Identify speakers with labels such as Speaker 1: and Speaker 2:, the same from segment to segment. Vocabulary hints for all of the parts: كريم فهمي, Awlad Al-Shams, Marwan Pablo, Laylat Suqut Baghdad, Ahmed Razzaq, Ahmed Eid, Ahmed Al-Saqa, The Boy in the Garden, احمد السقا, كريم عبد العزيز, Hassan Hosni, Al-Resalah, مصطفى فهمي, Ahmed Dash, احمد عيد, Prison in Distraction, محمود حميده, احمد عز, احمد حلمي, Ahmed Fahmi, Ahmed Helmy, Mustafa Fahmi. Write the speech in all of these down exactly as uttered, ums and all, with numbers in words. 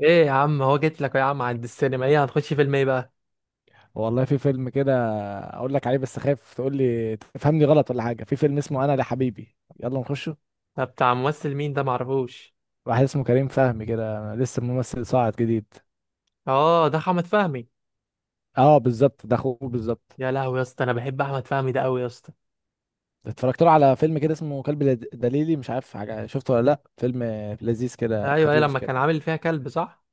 Speaker 1: ايه يا عم، هو جيت لك يا عم عند السينما. ايه هنخش فيلم ايه بقى؟
Speaker 2: والله في فيلم كده، اقول لك عليه بس خايف تقول لي تفهمني غلط ولا حاجه. في فيلم اسمه انا لحبيبي، يلا نخشه.
Speaker 1: ده بتاع ممثل مين؟ ده معرفوش.
Speaker 2: واحد اسمه كريم فهمي كده، لسه ممثل صاعد جديد.
Speaker 1: اه، ده احمد فهمي.
Speaker 2: اه بالظبط، ده اخوه بالظبط.
Speaker 1: يا لهوي يا اسطى، انا بحب احمد فهمي ده قوي يا اسطى.
Speaker 2: اتفرجت له على فيلم كده اسمه كلب لد- دليلي، مش عارف حاجه شفته ولا لا. فيلم لذيذ كده،
Speaker 1: ايوه، ايه
Speaker 2: خفيف
Speaker 1: لما
Speaker 2: كده.
Speaker 1: كان عامل فيها كلب، صح؟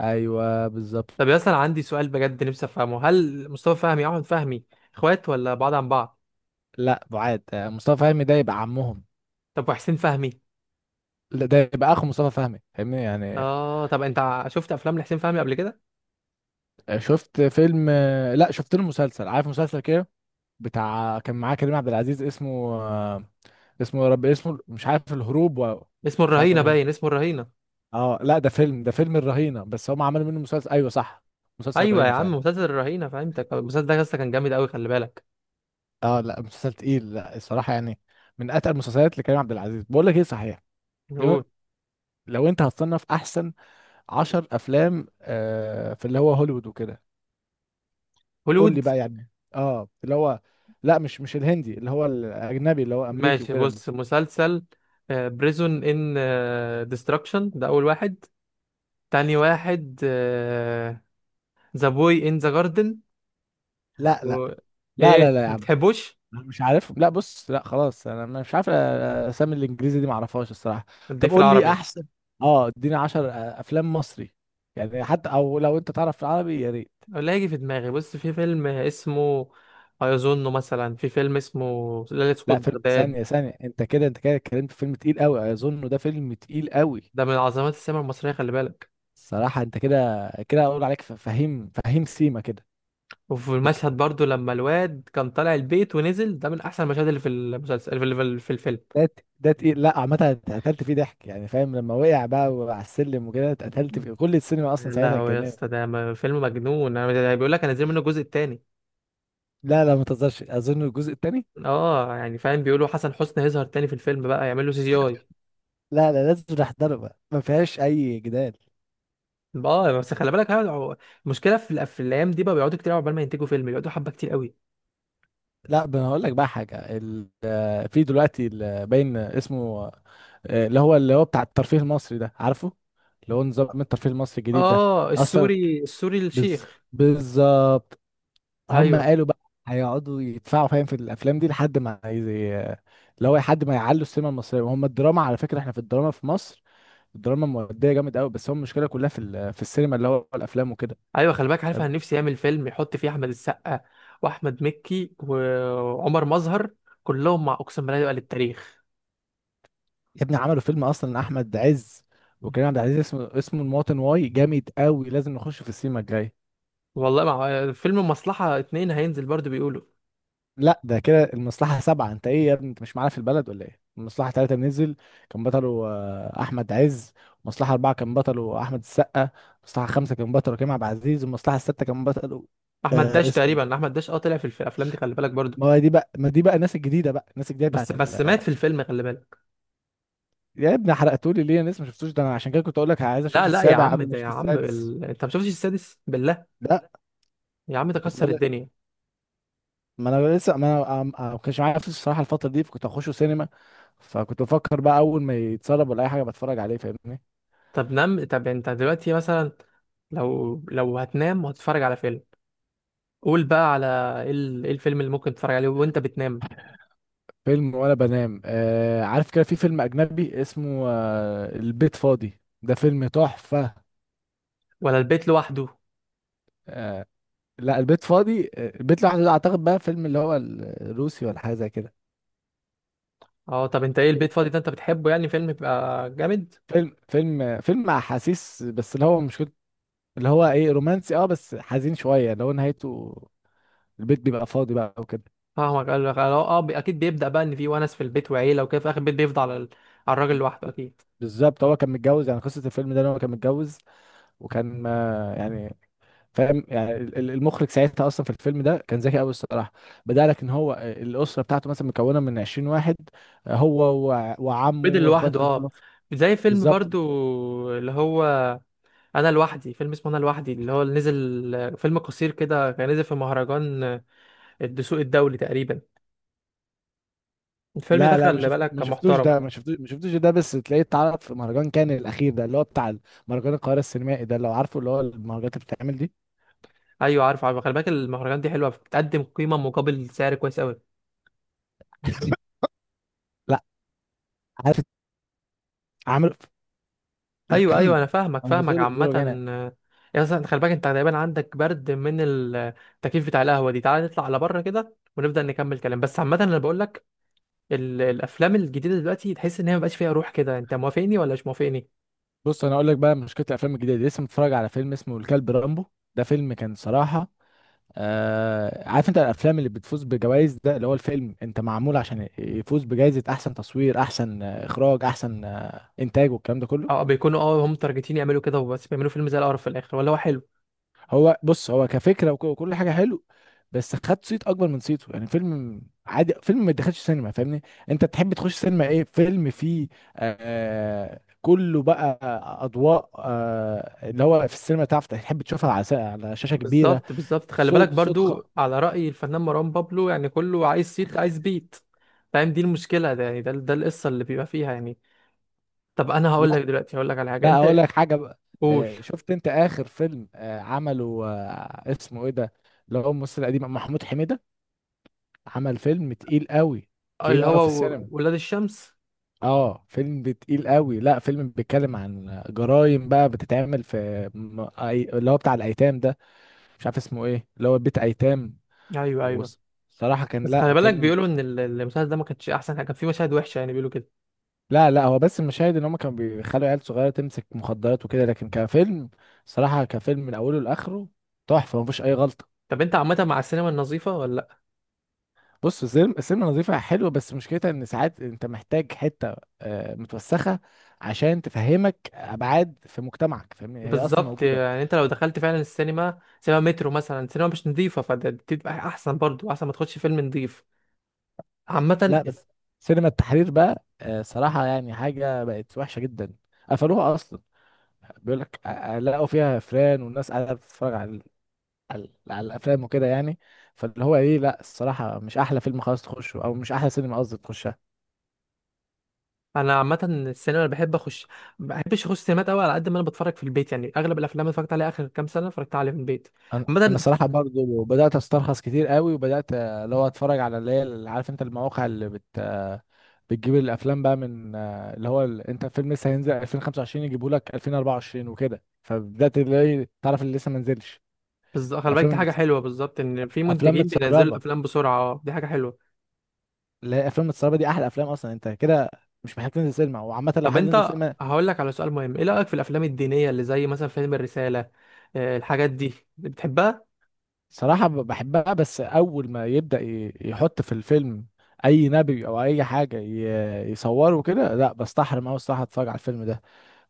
Speaker 2: ايوه
Speaker 1: طب يا
Speaker 2: بالظبط.
Speaker 1: اسطى، انا عندي سؤال بجد نفسي افهمه. هل مصطفى فهمي واحمد فهمي اخوات ولا بعاد عن بعض؟
Speaker 2: لا بعاد، آه، مصطفى فهمي ده يبقى عمهم.
Speaker 1: طب وحسين فهمي؟
Speaker 2: لا ده يبقى اخو مصطفى فهمي، فاهمني يعني.
Speaker 1: اه. طب انت ع- شفت افلام لحسين فهمي قبل كده؟
Speaker 2: آه، شفت فيلم، آه، لا شفت له مسلسل، عارف مسلسل كده، بتاع كان معاه كريم عبد العزيز اسمه. آه، اسمه يا رب اسمه، مش عارف الهروب و...
Speaker 1: اسمه
Speaker 2: مش عارف
Speaker 1: الرهينه
Speaker 2: الهروب.
Speaker 1: باين، اسمه الرهينه.
Speaker 2: اه لا ده فيلم، ده فيلم الرهينة، بس هم عملوا منه مسلسل، ايوه صح، مسلسل
Speaker 1: ايوه يا
Speaker 2: الرهينة
Speaker 1: عم،
Speaker 2: فعلا.
Speaker 1: مسلسل الرهينه، فهمتك. المسلسل ده يا اسطى كان جامد قوي، خلي بالك.
Speaker 2: اه لا مسلسل تقيل، لا الصراحة يعني من اتقل المسلسلات لكريم عبد العزيز. بقول لك ايه صحيح، لو,
Speaker 1: هوليوود.
Speaker 2: لو انت هتصنف احسن عشر افلام آه في اللي هو هوليوود وكده، قول لي
Speaker 1: هوليوود.
Speaker 2: بقى يعني اه اللي هو، لا مش مش الهندي، اللي هو الاجنبي، اللي هو امريكي
Speaker 1: ماشي،
Speaker 2: وكده.
Speaker 1: بص، مسلسل بريزون ان ديستراكشن ده اول واحد. تاني واحد، ذا بوي ان ذا جاردن
Speaker 2: لا لا
Speaker 1: و...
Speaker 2: لا لا
Speaker 1: ايه، ما
Speaker 2: لا،
Speaker 1: بتحبوش؟
Speaker 2: مش عارف، لا بص لا خلاص، انا مش عارف اسامي الانجليزي دي، ما اعرفهاش الصراحه. طب
Speaker 1: اديك في
Speaker 2: قول لي
Speaker 1: العربي.
Speaker 2: احسن، اه اديني عشر افلام مصري يعني حتى، او لو انت تعرف في العربي يا ريت.
Speaker 1: ولا هيجي في دماغي. بص، في فيلم اسمه، ايظنه مثلا، في فيلم اسمه ليلة سقوط
Speaker 2: لا فيلم،
Speaker 1: بغداد.
Speaker 2: ثانيه ثانيه، انت كده انت كده اتكلمت في فيلم تقيل قوي، اظن ده فيلم تقيل قوي.
Speaker 1: ده من عظمات السينما المصرية، خلي بالك.
Speaker 2: الصراحه انت كده كده اقول عليك ف- فهيم فهيم سيما كده.
Speaker 1: وفي
Speaker 2: لك-
Speaker 1: المشهد برضو لما الواد كان طالع البيت ونزل، ده من احسن المشاهد اللي في المسلسل، اللي في اللي في الفيلم.
Speaker 2: ده ت- ده تقيل. لا عامه اتقتلت فيه ضحك يعني، فاهم لما وقع بقى على السلم وكده، اتقتلت فيه كل السينما اصلا،
Speaker 1: يا
Speaker 2: ساعتها
Speaker 1: لهوي يا
Speaker 2: اتجننت.
Speaker 1: اسطى، ده م- فيلم مجنون. انا ده بيقول لك هنزل منه الجزء التاني.
Speaker 2: لا لا ما تهزرش، اظن الجزء الثاني.
Speaker 1: اه يعني، فاهم، بيقولوا حسن حسني هيظهر تاني في الفيلم بقى، يعمل له سي جي اي.
Speaker 2: لا لا لازم نحضره بقى، ما فيهاش اي جدال.
Speaker 1: اه بس خلي بالك هو- المشكله في الأف- في الايام دي بقى بيقعدوا كتير قوي عقبال ما ينتجوا فيلم، بيقعدوا حبه كتير قوي.
Speaker 2: لا ب- انا هقول لك بقى حاجه، ال- آه، في دلوقتي ال- باين اسمه، آه، اللي هو اللي هو بتاع الترفيه المصري ده عارفه، اللي هو نظام الترفيه المصري الجديد ده
Speaker 1: اه،
Speaker 2: اصلا.
Speaker 1: السوري، السوري
Speaker 2: بز...
Speaker 1: الشيخ.
Speaker 2: بالظبط. هم
Speaker 1: ايوه،
Speaker 2: قالوا بقى هيقعدوا يدفعوا، فاهم، في الافلام دي لحد ما زي اللي هو لحد ما يعلوا السينما المصريه، وهم الدراما على فكره. احنا في الدراما في مصر، الدراما موديه جامد قوي، بس هو المشكله كلها في ال... في السينما، اللي هو الافلام وكده.
Speaker 1: ايوه، خلي بالك، عارف، انا
Speaker 2: فاهمني؟
Speaker 1: نفسي يعمل فيلم يحط فيه احمد السقا واحمد مكي وعمر مظهر كلهم، مع اقسم بالله يبقى للتاريخ.
Speaker 2: يا ابني عملوا فيلم اصلا احمد عز وكريم عبد العزيز، اسمه اسمه المواطن، واي جامد قوي، لازم نخش في السينما الجاي.
Speaker 1: والله، مع فيلم مصلحه اتنين هينزل برضو بيقولوا.
Speaker 2: لا ده كده المصلحه سبعه، انت ايه يا ابني، انت مش معانا في البلد ولا ايه؟ المصلحه ثلاثه نزل، كان بطله آه، احمد عز. المصلحه اربعه كان بطله احمد السقا. المصلحه خمسه كان بطله كريم عبد العزيز، والمصلحه السته كان بطله،
Speaker 1: احمد
Speaker 2: آه
Speaker 1: داش
Speaker 2: اسمه،
Speaker 1: تقريبا، احمد داش، اه طلع في الف- الافلام دي، خلي بالك برضو.
Speaker 2: ما هو دي بقى، ما دي بقى الناس الجديده بقى، الناس الجديده
Speaker 1: بس
Speaker 2: بتاعت ال...
Speaker 1: بس مات في الفيلم، خلي بالك.
Speaker 2: يا ابني حرقتولي ليه، انا لسه ما شفتوش ده. انا عشان كده كنت اقول لك عايز اشوف
Speaker 1: لا لا يا
Speaker 2: السابع
Speaker 1: عم،
Speaker 2: قبل ما
Speaker 1: ده يا
Speaker 2: اشوف
Speaker 1: عم
Speaker 2: السادس.
Speaker 1: ال... انت ما شفتش السادس بالله؟
Speaker 2: لا،
Speaker 1: يا عم ده
Speaker 2: كنت
Speaker 1: كسر
Speaker 2: بقول،
Speaker 1: الدنيا.
Speaker 2: ما انا لسه ما انا عم- عم- ما كانش معايا فلوس الصراحه الفتره دي، فكنت هخشه سينما. فكنت بفكر بقى اول ما يتسرب ولا اي حاجه بتفرج عليه، فاهمني.
Speaker 1: طب نام. طب انت دلوقتي مثلا، لو لو هتنام وهتتفرج على فيلم، قول بقى على ايه، ال- إيه الفيلم اللي ممكن تتفرج عليه وانت بتنام؟
Speaker 2: فيلم وانا بنام، آه عارف كده في فيلم اجنبي اسمه آه البيت فاضي، ده فيلم تحفه.
Speaker 1: ولا البيت لوحده؟
Speaker 2: آه. لا البيت فاضي، آه، البيت لوحده ده اعتقد بقى فيلم اللي هو الروسي ولا حاجه زي كده.
Speaker 1: اه. طب انت ايه، البيت فاضي ده انت بتحبه يعني، فيلم بيبقى جامد؟
Speaker 2: فيلم فيلم فيلم احاسيس، بس اللي هو مش كنت، اللي هو ايه رومانسي، اه بس حزين شويه، اللي هو نهايته البيت بيبقى فاضي بقى وكده.
Speaker 1: فاهمك. قال لك اه، آه، بي- اكيد بيبدأ بقى ان في ونس في البيت وعيله وكده، في اخر البيت بيفضل على ال- على الراجل لوحده، اكيد.
Speaker 2: بالظبط، هو كان متجوز، يعني قصة الفيلم ده ان هو كان متجوز، وكان ما يعني، فاهم يعني ال- ال- المخرج ساعتها اصلا في الفيلم ده كان ذكي قوي الصراحة. بدأ لك ان هو الأسرة بتاعته مثلا مكونة من عشرين واحد هو وع- وعمه
Speaker 1: بدل
Speaker 2: واخواته
Speaker 1: لوحده،
Speaker 2: كانوا كلهم
Speaker 1: اه.
Speaker 2: في.
Speaker 1: زي فيلم
Speaker 2: بالظبط.
Speaker 1: برضو، اللي هو انا لوحدي، فيلم اسمه انا لوحدي، اللي هو اللي نزل فيلم قصير كده، كان نزل في مهرجان الدسوق الدولي تقريبا. الفيلم ده
Speaker 2: لا لا، ما
Speaker 1: خلي
Speaker 2: شفت
Speaker 1: بالك
Speaker 2: ما
Speaker 1: كان
Speaker 2: شفتوش
Speaker 1: محترم.
Speaker 2: ده، ما شفتوش ما شفتوش ده، بس تلاقيه اتعرض في مهرجان كان الأخير ده، اللي هو بتاع مهرجان القاهرة السينمائي ده، لو عارفه اللي هو المهرجانات اللي بتتعمل دي.
Speaker 1: ايوه، عارف عارف، خلي بالك، المهرجان دي حلوه، بتقدم قيمه مقابل سعر كويس قوي.
Speaker 2: لا، عارف، عامل.
Speaker 1: ايوه ايوه، انا فاهمك
Speaker 2: انا
Speaker 1: فاهمك،
Speaker 2: زوري زوري
Speaker 1: عامه.
Speaker 2: وجعان.
Speaker 1: يا اصلا خلي بالك انت تقريبا عندك برد من التكييف بتاع القهوه دي، تعالى نطلع على بره كده ونبدا نكمل كلام. بس عامه انا بقول لك ال- الافلام الجديده دلوقتي تحس ان هي مبقاش فيها روح كده، انت موافقني ولا مش موافقني؟
Speaker 2: بص انا اقول لك بقى، مشكله الافلام الجديده دي، لسه متفرج على فيلم اسمه الكلب رامبو، ده فيلم كان صراحه، آه عارف انت الافلام اللي بتفوز بجوائز ده، اللي هو الفيلم انت معمول عشان يفوز بجائزه احسن تصوير احسن آه، اخراج احسن آه، انتاج، والكلام ده كله.
Speaker 1: اه بيكونوا، اه هم متارجتين يعملوا كده وبس، بيعملوا فيلم زي القرف في الاخر ولا هو حلو.
Speaker 2: هو بص هو كفكره وك- وكل حاجه حلو، بس خد صيت اكبر من صيته، يعني فيلم عادي، فيلم ما يدخلش سينما، فاهمني. انت تحب تخش سينما ايه، فيلم فيه آه كله بقى اضواء، آه اللي هو في السينما، تعرف تحب تشوفها على س- على شاشه كبيره.
Speaker 1: بالظبط، بالظبط، خلي بالك
Speaker 2: صوت صوت خ...
Speaker 1: برضو على رأي الفنان مروان بابلو، يعني كله عايز صيت عايز بيت. فاهم، دي المشكلة. ده يعني، ده ده القصة اللي بيبقى فيها يعني. طب انا هقول
Speaker 2: لا
Speaker 1: لك دلوقتي، هقول لك على حاجة
Speaker 2: لا، اقول
Speaker 1: انت.
Speaker 2: لك حاجه بقى،
Speaker 1: قول.
Speaker 2: آه شفت انت اخر فيلم آه عمله، آه اسمه ايه ده، اللي هو الممثل القديم محمود حميده، عمل فيلم تقيل قوي، تقيل
Speaker 1: اللي
Speaker 2: قوي في
Speaker 1: هو و-
Speaker 2: السينما.
Speaker 1: ولاد الشمس.
Speaker 2: اه فيلم تقيل قوي، لا فيلم بيتكلم عن جرائم بقى بتتعمل في م- أي- اللي هو بتاع الايتام ده، مش عارف اسمه ايه، اللي هو بيت ايتام.
Speaker 1: ايوه ايوه،
Speaker 2: وصراحة كان
Speaker 1: بس خلي
Speaker 2: لا
Speaker 1: بالك
Speaker 2: فيلم.
Speaker 1: بيقولوا ان ال- المسلسل ده ما كانش احسن حاجة، كان فيه مشاهد وحشة يعني، بيقولوا كده.
Speaker 2: لا لا هو بس المشاهد، ان هم كانوا بيخلوا عيال صغيرة تمسك مخدرات وكده، لكن كفيلم صراحة، كفيلم من اوله لاخره، تحفة، مفيش اي غلطة.
Speaker 1: طب انت عامة مع السينما النظيفة ولا؟
Speaker 2: بص، السينما السينما نظيفة حلوة، بس مشكلتها ان ساعات انت محتاج حتة آه، متوسخة عشان تفهمك ابعاد في مجتمعك، فاهمني، هي اصلا
Speaker 1: بالظبط،
Speaker 2: موجودة.
Speaker 1: يعني انت لو دخلت فعلا السينما، سينما مترو مثلا، سينما مش نظيفه، فتبقى احسن برضو، احسن ما تخش فيلم نظيف،
Speaker 2: لا
Speaker 1: عامه.
Speaker 2: بس، سينما التحرير بقى، آه، صراحة يعني حاجة بقت وحشة جدا، قفلوها أصلا. بيقول لك آه، آه، لقوا فيها فيران، والناس قاعدة بتتفرج على ال- على ال- على الأفلام وكده يعني. فاللي هو إيه، لا الصراحة مش أحلى فيلم خلاص تخشه، أو مش أحلى سينما قصدي تخشها.
Speaker 1: انا عامه السينما اللي بحب اخش، ما بحبش اخش سينمات قوي، على قد ما انا بتفرج في البيت يعني، اغلب الافلام اللي اتفرجت عليها اخر كام سنه اتفرجت عليها في البيت،
Speaker 2: أنا أنا
Speaker 1: عامه.
Speaker 2: صراحة برضو بدأت أسترخص كتير قوي، وبدأت آه، اللي هو أتفرج على اللي هي، اللي عارف أنت المواقع اللي بت آه، بتجيب الافلام بقى، من آه، اللي هو ال- انت فيلم لسه هينزل ألفين وخمسة وعشرين يجيبوا لك ألفين وأربعة وعشرين وكده، فبدات اللي هي إيه، تعرف اللي لسه ما نزلش
Speaker 1: بالظبط، خلي بالك، دي
Speaker 2: افلام،
Speaker 1: حاجه حلوه بالظبط، ان في
Speaker 2: افلام
Speaker 1: منتجين بينزلوا
Speaker 2: متسربه،
Speaker 1: الافلام بسرعه، اه دي حاجه حلوه.
Speaker 2: اللي هي افلام متسربه دي احلى افلام اصلا انت كده، مش محتاج تنزل سينما. وعامه لو
Speaker 1: طب
Speaker 2: حد نزل
Speaker 1: انت،
Speaker 2: سينما.
Speaker 1: هقول لك على سؤال مهم، ايه رايك في الافلام الدينيه اللي زي مثلا فيلم الرساله، آه، الحاجات دي بتحبها؟
Speaker 2: صراحه ب- بحبها، بس اول ما يبدا ي- يحط في الفيلم اي نبي او اي حاجه ي- يصوره كده، لا بستحرم اوي الصراحه اتفرج على الفيلم ده،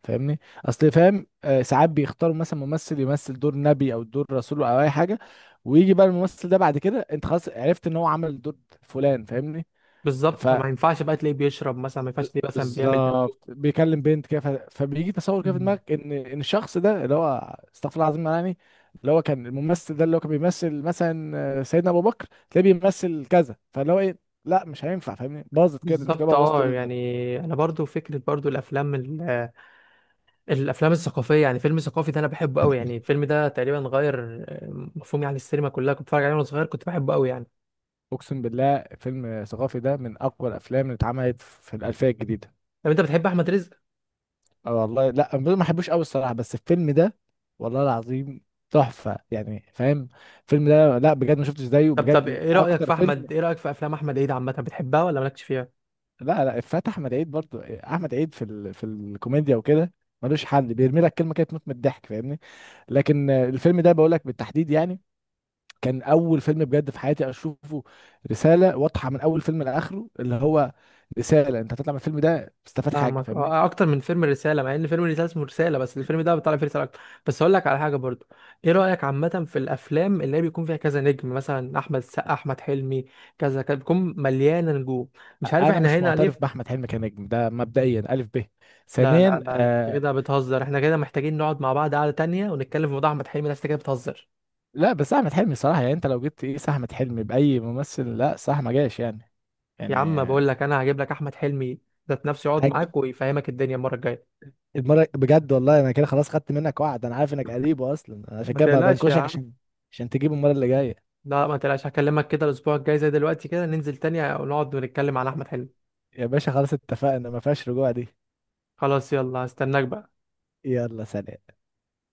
Speaker 2: فاهمني. اصل فاهم، آه، ساعات بيختاروا مثلا ممثل يمثل دور نبي او دور رسول او اي حاجه، ويجي بقى الممثل ده بعد كده انت خلاص عرفت ان هو عمل دور فلان، فاهمني.
Speaker 1: بالظبط، فما ينفعش بقى تلاقيه بيشرب مثلا، ما ينفعش تلاقيه مثلا بيعمل ده.
Speaker 2: بالظبط، بيكلم بنت كده، ف- فبيجي تصور كده في دماغك ان ان الشخص ده اللي هو استغفر الله العظيم يعني، اللي هو كان الممثل ده اللي هو كان بيمثل مثلا آه، سيدنا ابو بكر، تلاقيه بيمثل كذا، فاللي هو ايه، لا مش هينفع، فاهمني، باظت كده، انت كده
Speaker 1: بالظبط.
Speaker 2: بوظت
Speaker 1: اه
Speaker 2: ال-
Speaker 1: يعني، انا برضو فكره برضو الافلام ال- الافلام الثقافيه، يعني فيلم ثقافي ده انا بحبه قوي يعني، الفيلم ده تقريبا غير آه، مفهومي عن السينما كلها. كنت بتفرج عليه وانا صغير، كنت بحبه قوي يعني.
Speaker 2: اقسم بالله فيلم ثقافي ده من اقوى الافلام اللي اتعملت في الالفيه الجديده.
Speaker 1: طب انت بتحب احمد رزق؟
Speaker 2: آه والله لا أنا ما بحبوش قوي الصراحه، بس الفيلم ده والله العظيم تحفه يعني فاهم، الفيلم ده لا بجد ما شفتش زيه
Speaker 1: طب طب
Speaker 2: بجد،
Speaker 1: ايه رايك
Speaker 2: اكتر
Speaker 1: في
Speaker 2: فيلم.
Speaker 1: احمد، ايه رايك في افلام احمد عيد عامه، بتحبها ولا مالكش فيها؟
Speaker 2: لا لا افات احمد عيد برضو، احمد عيد في ال... في الكوميديا وكده ملوش حل، بيرمي لك كلمه كده تموت من الضحك، فاهمني. لكن آه، الفيلم ده بقول لك بالتحديد يعني كان اول فيلم بجد في حياتي اشوفه، رساله واضحه من اول فيلم لاخره، اللي هو رساله انت هتطلع من الفيلم ده تستفاد حاجه،
Speaker 1: فاهمك.
Speaker 2: فاهمني.
Speaker 1: اه، آه، اكتر من فيلم الرساله، مع ان فيلم الرساله اسمه رساله، بس الفيلم ده بيطلع فيه رساله اكتر. بس اقول لك على حاجه برضو، ايه رايك عامه في الافلام اللي هي بيكون فيها كذا نجم، مثلا احمد السقا، احمد حلمي، كذا كذا، بيكون مليانه نجوم؟ مش عارف
Speaker 2: انا
Speaker 1: احنا
Speaker 2: مش
Speaker 1: هنا ليه في-
Speaker 2: معترف باحمد حلمي كنجم ده مبدئيا الف ب.
Speaker 1: لا لا
Speaker 2: ثانيا
Speaker 1: لا، انت
Speaker 2: آه
Speaker 1: كده بتهزر، احنا كده محتاجين نقعد مع بعض قعده تانية ونتكلم في موضوع احمد حلمي ده، أنت كده بتهزر.
Speaker 2: لا بس احمد حلمي صراحه يعني، انت لو جبت ايه احمد حلمي باي ممثل، لا صح ما جاش يعني،
Speaker 1: يا عم بقول
Speaker 2: يعني.
Speaker 1: لك انا هجيب لك احمد حلمي ذات نفسه يقعد معاك ويفهمك الدنيا المره الجايه.
Speaker 2: المرة بجد والله انا كده خلاص خدت منك وعد، انا عارف انك قريبه اصلا، انا عشان
Speaker 1: ما
Speaker 2: كده بقى
Speaker 1: تقلقش يا
Speaker 2: بنكشك
Speaker 1: عم.
Speaker 2: عشان، عشان تجيبه المرة اللي جاية.
Speaker 1: لا، ما تقلقش، هكلمك كده الاسبوع الجاي زي دلوقتي كده، ننزل تاني ونقعد ونتكلم على احمد حلمي.
Speaker 2: يا باشا خلاص اتفقنا، ما فيهاش رجوع دي.
Speaker 1: خلاص، يلا، هستناك بقى.
Speaker 2: يلا سلام.